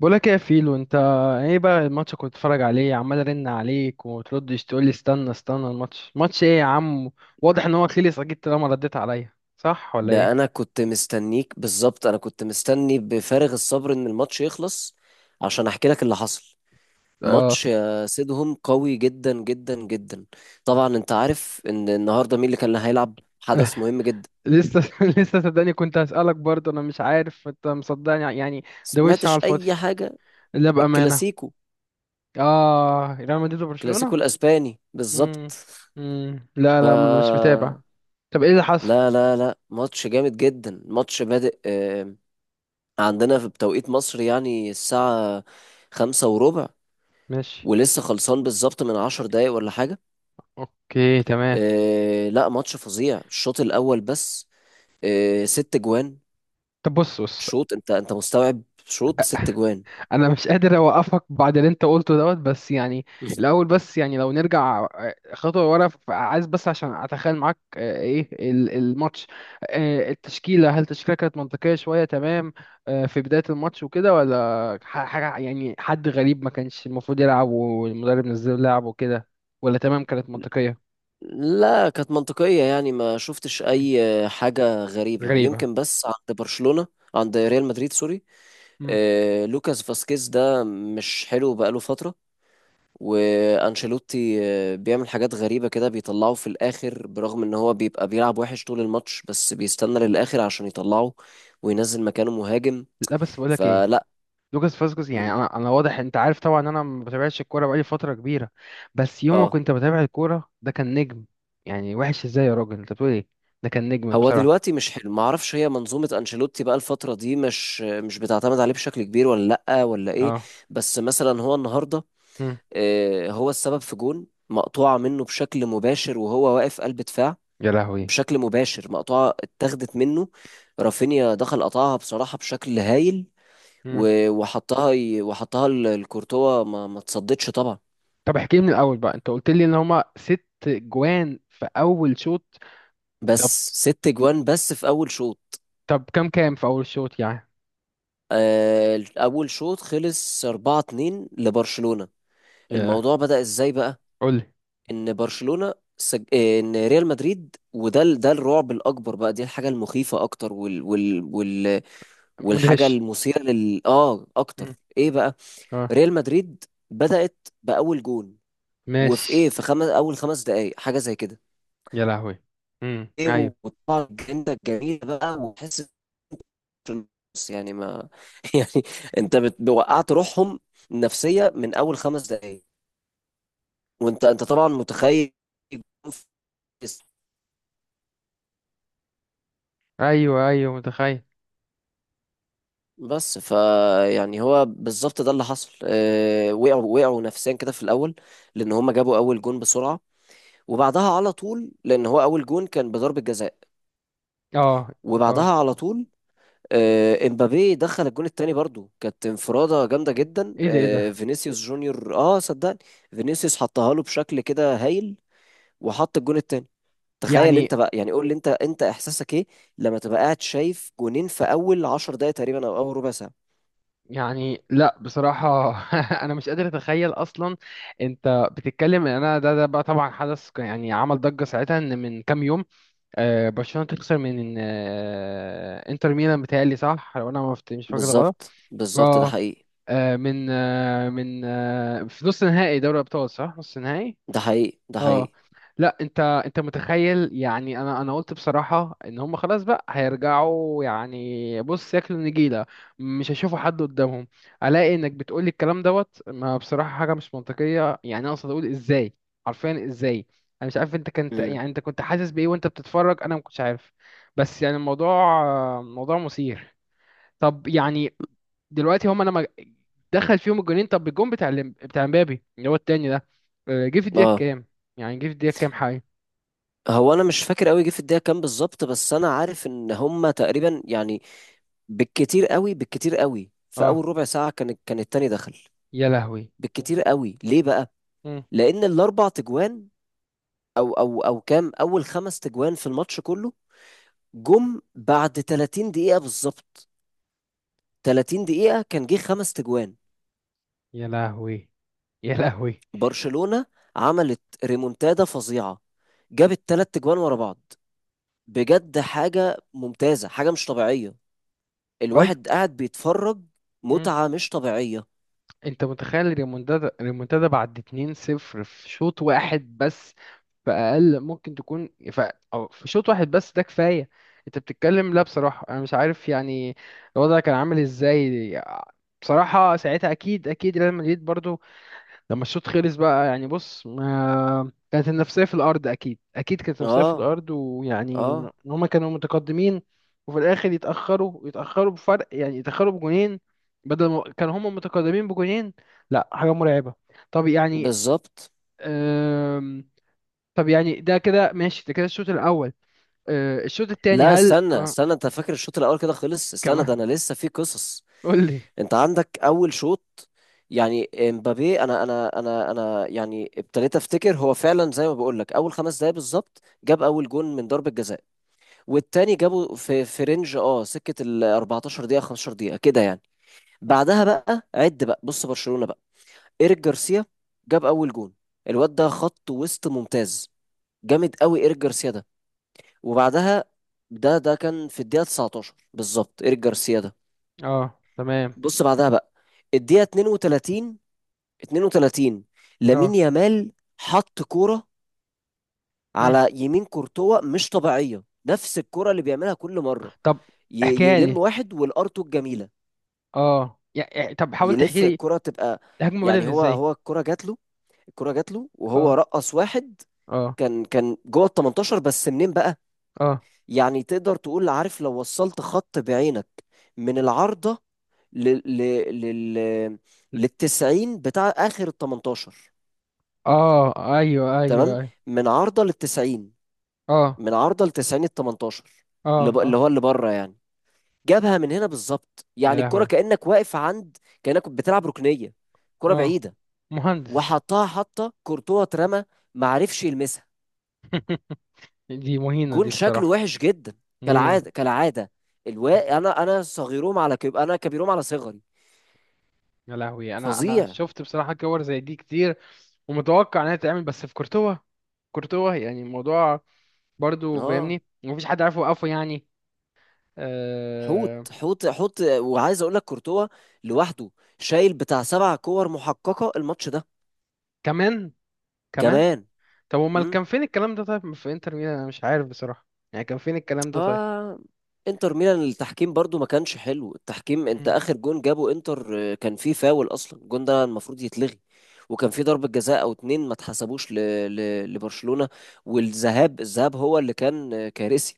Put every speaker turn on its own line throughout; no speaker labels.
بقولك ايه يا فيلو انت؟ ايه بقى الماتش كنت بتتفرج عليه، عمال ارن عليك وتردش، تقول لي استنى استنى الماتش، ماتش ايه يا عم؟ واضح ان هو خلص اكيد طالما رديت عليا، صح ولا
ده
ايه؟
انا كنت مستنيك بالظبط، انا كنت مستني بفارغ الصبر ان الماتش يخلص عشان احكي لك اللي حصل.
اه.
ماتش، سيدهم قوي جدا جدا جدا. طبعا انت عارف ان النهارده مين اللي كان هيلعب، حدث مهم جدا.
لسه لسه صدقني كنت هسألك برضه، انا مش عارف انت مصدقني يعني. ده وش على
سمعتش
الفاضي.
اي حاجه؟
لا، بأمانة.
الكلاسيكو
اه، ريال مدريد
الكلاسيكو
وبرشلونة.
الاسباني بالظبط.
امم لا،
ف
لا، انا مش متابع. طب ايه اللي حصل؟
لا لا لا، ماتش جامد جدا، ماتش بادئ. عندنا في بتوقيت مصر يعني الساعه 5:15،
ماشي.
ولسه خلصان بالظبط من 10 دقايق ولا حاجة.
اوكي، تمام.
آه لا، ماتش فظيع الشوط الاول بس. آه، 6 جوان.
طب، بص بص.
شوط، انت مستوعب؟ شوط 6 جوان.
انا مش قادر اوقفك بعد اللي انت قلته دوت، بس يعني. الاول بس يعني، لو نرجع خطوه ورا، عايز بس عشان اتخيل معاك ايه الماتش. التشكيله، هل التشكيله كانت منطقيه شويه؟ تمام. في بدايه الماتش وكده، ولا حاجه يعني حد غريب ما كانش المفروض يلعب والمدرب نزل لعب وكده؟ ولا تمام كانت منطقيه؟
لا كانت منطقية، يعني ما شفتش
مم.
أي حاجة غريبة،
غريبه.
يمكن بس عند برشلونة. عند ريال مدريد سوري،
مم.
لوكاس فاسكيز ده مش حلو بقاله فترة. وأنشيلوتي بيعمل حاجات غريبة كده، بيطلعه في الآخر برغم إن هو بيبقى بيلعب وحش طول الماتش بس بيستنى للآخر عشان يطلعه، وينزل مكانه مهاجم.
لا، بس بقولك ايه.
فلا،
لوكاس فاسكوز، يعني انا واضح، انت عارف طبعا ان انا ما بتابعش الكوره بقالي فتره كبيره. بس يوم ما
اه،
كنت بتابع الكوره ده كان نجم. يعني وحش ازاي يا راجل، انت بتقول ايه؟ ده كان نجم
هو
بصراحه.
دلوقتي مش حلو، ما اعرفش هي منظومة انشيلوتي بقى الفترة دي مش بتعتمد عليه بشكل كبير، ولا لأ، ولا ايه.
اه.
بس مثلا هو النهاردة
مم.
هو السبب في جون مقطوعة منه بشكل مباشر، وهو واقف قلب دفاع.
يا لهوي.
بشكل مباشر مقطوعة اتاخدت منه. رافينيا دخل قطعها بصراحة بشكل هايل.
مم.
و- وحطها ي- وحطها ل- لكورتوا، ما تصدتش طبعا.
طب احكي لي من الاول بقى، انت قلت لي ان هما ست جوان في اول شوط.
بس
طب.
6 جوان بس في اول شوط.
طب، كام في اول شوط يعني؟
اول شوط خلص 4-2 لبرشلونة.
يا.
الموضوع بدأ ازاي بقى؟
قول لي.
ان برشلونة سج... آه، ان ريال مدريد، ده الرعب الاكبر بقى، دي الحاجة المخيفة اكتر، والحاجة
مدهش.
المثيرة لل، اكتر.
مم.
ايه بقى؟
اه.
ريال مدريد بدأت بأول جون، وفي ايه،
ماشي.
في اول خمس دقايق، حاجة زي كده.
يا لهوي. مم. ايوه،
ايه. وطبعا الجنة الجميلة بقى. وتحس إن- يعني ما، يعني وقعت روحهم نفسية من اول 5 دقايق. وانت طبعا متخيل.
ايوه، ايوه، متخيل.
بس فيعني هو بالظبط ده اللي حصل. وقعوا نفسيا كده في الاول، لان هم جابوا اول جون بسرعه، وبعدها على طول، لان هو اول جون كان بضربه جزاء.
اه، اه.
وبعدها على طول، امبابي دخل الجون التاني، برضو كانت انفراده جامده جدا.
ايه ده، ايه ده.
فينيسيوس جونيور، اه صدقني، فينيسيوس حطها له بشكل كده هايل وحط الجون التاني. تخيل
يعني.
انت بقى، يعني قول لي، انت احساسك ايه لما تبقى قاعد شايف جونين في اول 10 دقايق تقريبا، او اول ربع ساعه.
يعني لا بصراحة، أنا مش قادر أتخيل أصلا. أنت بتتكلم إن أنا، ده بقى طبعا حدث، يعني عمل ضجة ساعتها، إن من كام يوم برشلونة تخسر من إنتر ميلان، بتهيألي صح، لو أنا ما فت- مش فاكر غلط.
بالظبط بالظبط، ده
أه.
حقيقي،
من في نص نهائي دوري أبطال، صح، نص نهائي.
ده حقيقي، ده
اه.
حقيقي.
لا، انت متخيل يعني، انا قلت بصراحه ان هم خلاص بقى هيرجعوا، يعني بص ياكلوا نجيله. مش هيشوفوا حد قدامهم. الاقي انك بتقولي الكلام دوت، ما بصراحه حاجه مش منطقيه يعني، انا اقصد اقول ازاي. حرفيا ازاي. انا مش عارف، انت كنت
امم
يعني انت كنت حاسس بايه وانت بتتفرج، انا ما كنتش عارف. بس يعني الموضوع، موضوع مثير. طب يعني، دلوقتي هما لما دخل فيهم الجونين، طب الجون بتاع بتاع مبابي اللي هو التاني ده، جه في الدقيقة
اه،
كام؟ يعني جه في الدقيقة كام حاجة؟
هو انا مش فاكر قوي جه في الدقيقه كام بالظبط، بس انا عارف ان هما تقريبا يعني بالكتير قوي في
اه.
اول ربع ساعه كان التاني دخل.
يا لهوي.
بالكتير قوي ليه بقى؟
مم.
لان الاربع تجوان، او كام، اول 5 تجوان في الماتش كله، جم بعد 30 دقيقه بالظبط. 30 دقيقه كان جه 5 تجوان.
يا لهوي. يا لهوي.
برشلونه عملت ريمونتادا فظيعه، جابت 3 تجوان ورا بعض. بجد حاجة ممتازة، حاجة مش طبيعية.
ايوه.
الواحد قاعد بيتفرج،
مم.
متعة مش طبيعية.
انت متخيل الريمونتادا، بعد 2-0 في شوط واحد بس، في اقل ممكن تكون او في شوط واحد بس، ده كفاية. انت بتتكلم، لا بصراحة انا مش عارف يعني، الوضع كان عامل ازاي. بصراحة ساعتها، اكيد اكيد ريال مدريد برضو لما الشوط خلص بقى، يعني بص، ما كانت النفسية في الأرض أكيد، أكيد كانت النفسية في
اه
الأرض، ويعني إن
اه،
هما كانوا متقدمين، وفي الآخر يتأخروا بفرق، يعني يتأخروا بجونين بدل ما كانوا هما متقدمين بجونين. لا، حاجة مرعبة. طب يعني،
بالظبط.
أم... طب يعني ده كده ماشي، ده كده الشوط الأول. أه، الشوط التاني
لا
هل
استنى استنى، انت فاكر الشوط الاول كده خلص؟ استنى، ده
كمان؟
انا لسه في قصص.
قول لي.
انت عندك اول شوط، يعني امبابي، انا يعني ابتديت افتكر، هو فعلا زي ما بقول لك اول 5 دقايق بالظبط جاب اول جون من ضربة جزاء. والتاني جابه في رينج، سكة ال 14 دقيقة، 15 دقيقة كده يعني. بعدها بقى، عد بقى، بص، برشلونة. إيريك جارسيا جاب أول جون. الواد ده خط وسط ممتاز، جامد قوي إيريك جارسيا ده. وبعدها، ده كان في الدقيقة 19 بالظبط، إيريك جارسيا ده.
اه، تمام.
بص بعدها بقى، الدقيقة 32. 32،
اه.
لامين يامال حط كورة
مم.
على يمين كورتوا مش طبيعية، نفس الكرة اللي بيعملها كل مرة.
طب، احكيها لي.
يلم واحد والارتو الجميلة.
اه، يعني طب، حاول تحكي
يلف
لي.
الكرة تبقى،
الهجمة بدأت
يعني هو
ازاي؟
هو الكرة جات له. الكرة جات له وهو
اه.
رقص واحد.
اه.
كان جوه ال 18 بس، منين بقى؟
اه.
يعني تقدر تقول، عارف، لو وصلت خط بعينك من العارضة لل لل لل
ل-
للتسعين بتاع آخر ال 18.
اه، ايوه،
تمام.
ايوه، ايوه.
من عارضة للتسعين.
اه،
من عارضة للتسعين ال 18.
اه،
اللي
اه.
هو اللي بره يعني. جابها من هنا بالظبط،
يا
يعني الكرة
لهوي.
كأنك واقف عند، كأنك بتلعب ركنية، كرة
اه،
بعيدة.
مهندس.
وحطها حطة كورتوا اترمى، ما عرفش يلمسها.
دي مهينة
جون
دي
شكله
بصراحة.
وحش جدا،
مهينة.
كالعاده كالعاده. انا انا صغيرهم على انا كبيرهم على صغري.
يا لهوي، انا
فظيع.
شفت بصراحة كور زي دي كتير، ومتوقع انها تتعمل، بس في كورتوا. كورتوا يعني الموضوع، برضو
اه،
فاهمني، مفيش حد عارف يوقفه يعني.
حوت
آه...
حوت حوت، وعايز اقول لك كورتوا لوحده شايل بتاع 7 كور محققه الماتش ده.
كمان؟ كمان.
كمان.
طب امال
امم
كان فين الكلام ده، طيب في انتر ميلان، انا مش عارف بصراحة، يعني كان فين الكلام ده طيب.
اه، انتر ميلان التحكيم برضو ما كانش حلو التحكيم. انت
مم.
اخر جون جابه انتر، كان فيه فاول اصلا، الجون ده المفروض يتلغي. وكان في ضربة جزاء او اتنين ما اتحسبوش لبرشلونة. الذهاب هو اللي كان، كارثي.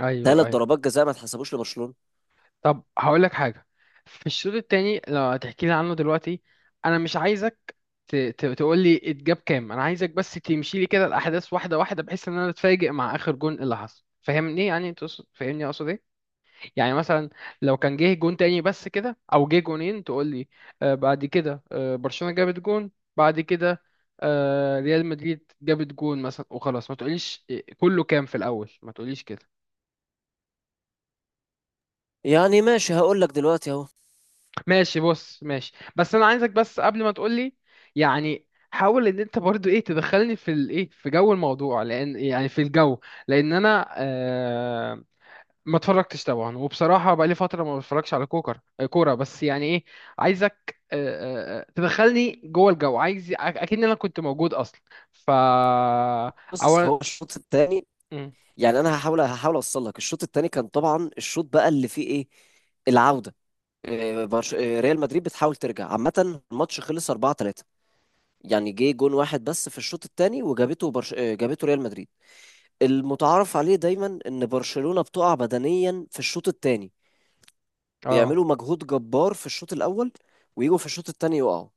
ايوه،
ثلاث
ايوه.
ضربات جزاء ما اتحسبوش لبرشلونة.
طب هقول لك حاجة. في الشوط التاني لو هتحكي لي عنه دلوقتي، انا مش عايزك تقول لي اتجاب كام، انا عايزك بس تمشي لي كده الاحداث واحدة واحدة، بحيث ان انا اتفاجئ مع اخر جون اللي حصل، فاهمني يعني فاهمني اقصد ايه، يعني مثلا لو كان جه جون تاني بس كده او جه جونين، تقول لي آه بعد كده برشلونة جابت جون، بعد كده آه ريال مدريد جابت جون مثلا، وخلاص ما تقوليش كله كام في الاول، ما تقوليش كده.
يعني ماشي، هقول لك دلوقتي اهو.
ماشي، بص، ماشي، بس انا عايزك بس قبل ما تقولي يعني، حاول ان انت برضو ايه، تدخلني في الايه، في جو الموضوع، لان يعني في الجو، لان انا ما اتفرجتش طبعا، وبصراحه بقالي فتره ما بتفرجش على كوكر آه، كوره، بس يعني ايه، عايزك تدخلني جوه الجو، عايز اكيد انا كنت موجود اصلا. ف
بص
اولا،
هو الشوط الثاني
مم،
يعني. انا هحاول اوصل لك الشوط الثاني. كان طبعا الشوط بقى اللي فيه ايه، العودة. إيه، برش- إيه، ريال مدريد بتحاول ترجع. عامة الماتش خلص 4-3. يعني جه جون واحد بس في الشوط الثاني، وجابته برش... إيه، جابته ريال مدريد. المتعارف عليه دايما ان برشلونة بتقع بدنيا في الشوط الثاني،
اه،
بيعملوا مجهود جبار في الشوط الاول، ويجوا في الشوط الثاني يقعوا.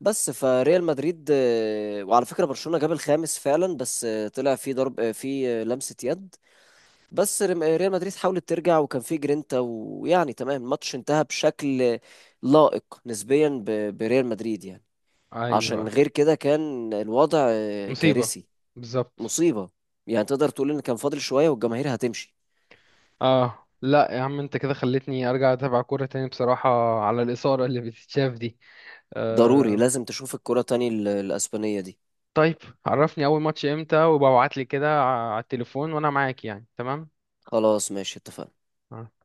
بس فريال مدريد، وعلى فكرة برشلونة جاب الخامس فعلا بس طلع في ضرب، في لمسة يد. بس ريال مدريد حاولت ترجع وكان في جرينتا، ويعني تمام، الماتش انتهى بشكل لائق نسبيا بريال مدريد يعني. عشان
ايوه،
غير كده كان الوضع
مصيبه.
كارثي.
بالظبط.
مصيبة. يعني تقدر تقول ان كان فاضل شوية والجماهير هتمشي.
اه، لا يا عم، انت كده خلتني ارجع اتابع كورة تاني بصراحة، على الإثارة اللي بتتشاف دي.
ضروري
آه.
لازم تشوف الكرة تاني الأسبانية دي.
طيب، عرفني اول ماتش امتى، وببعت لي كده على التليفون وانا معاك يعني، تمام.
خلاص ماشي اتفقنا.
آه.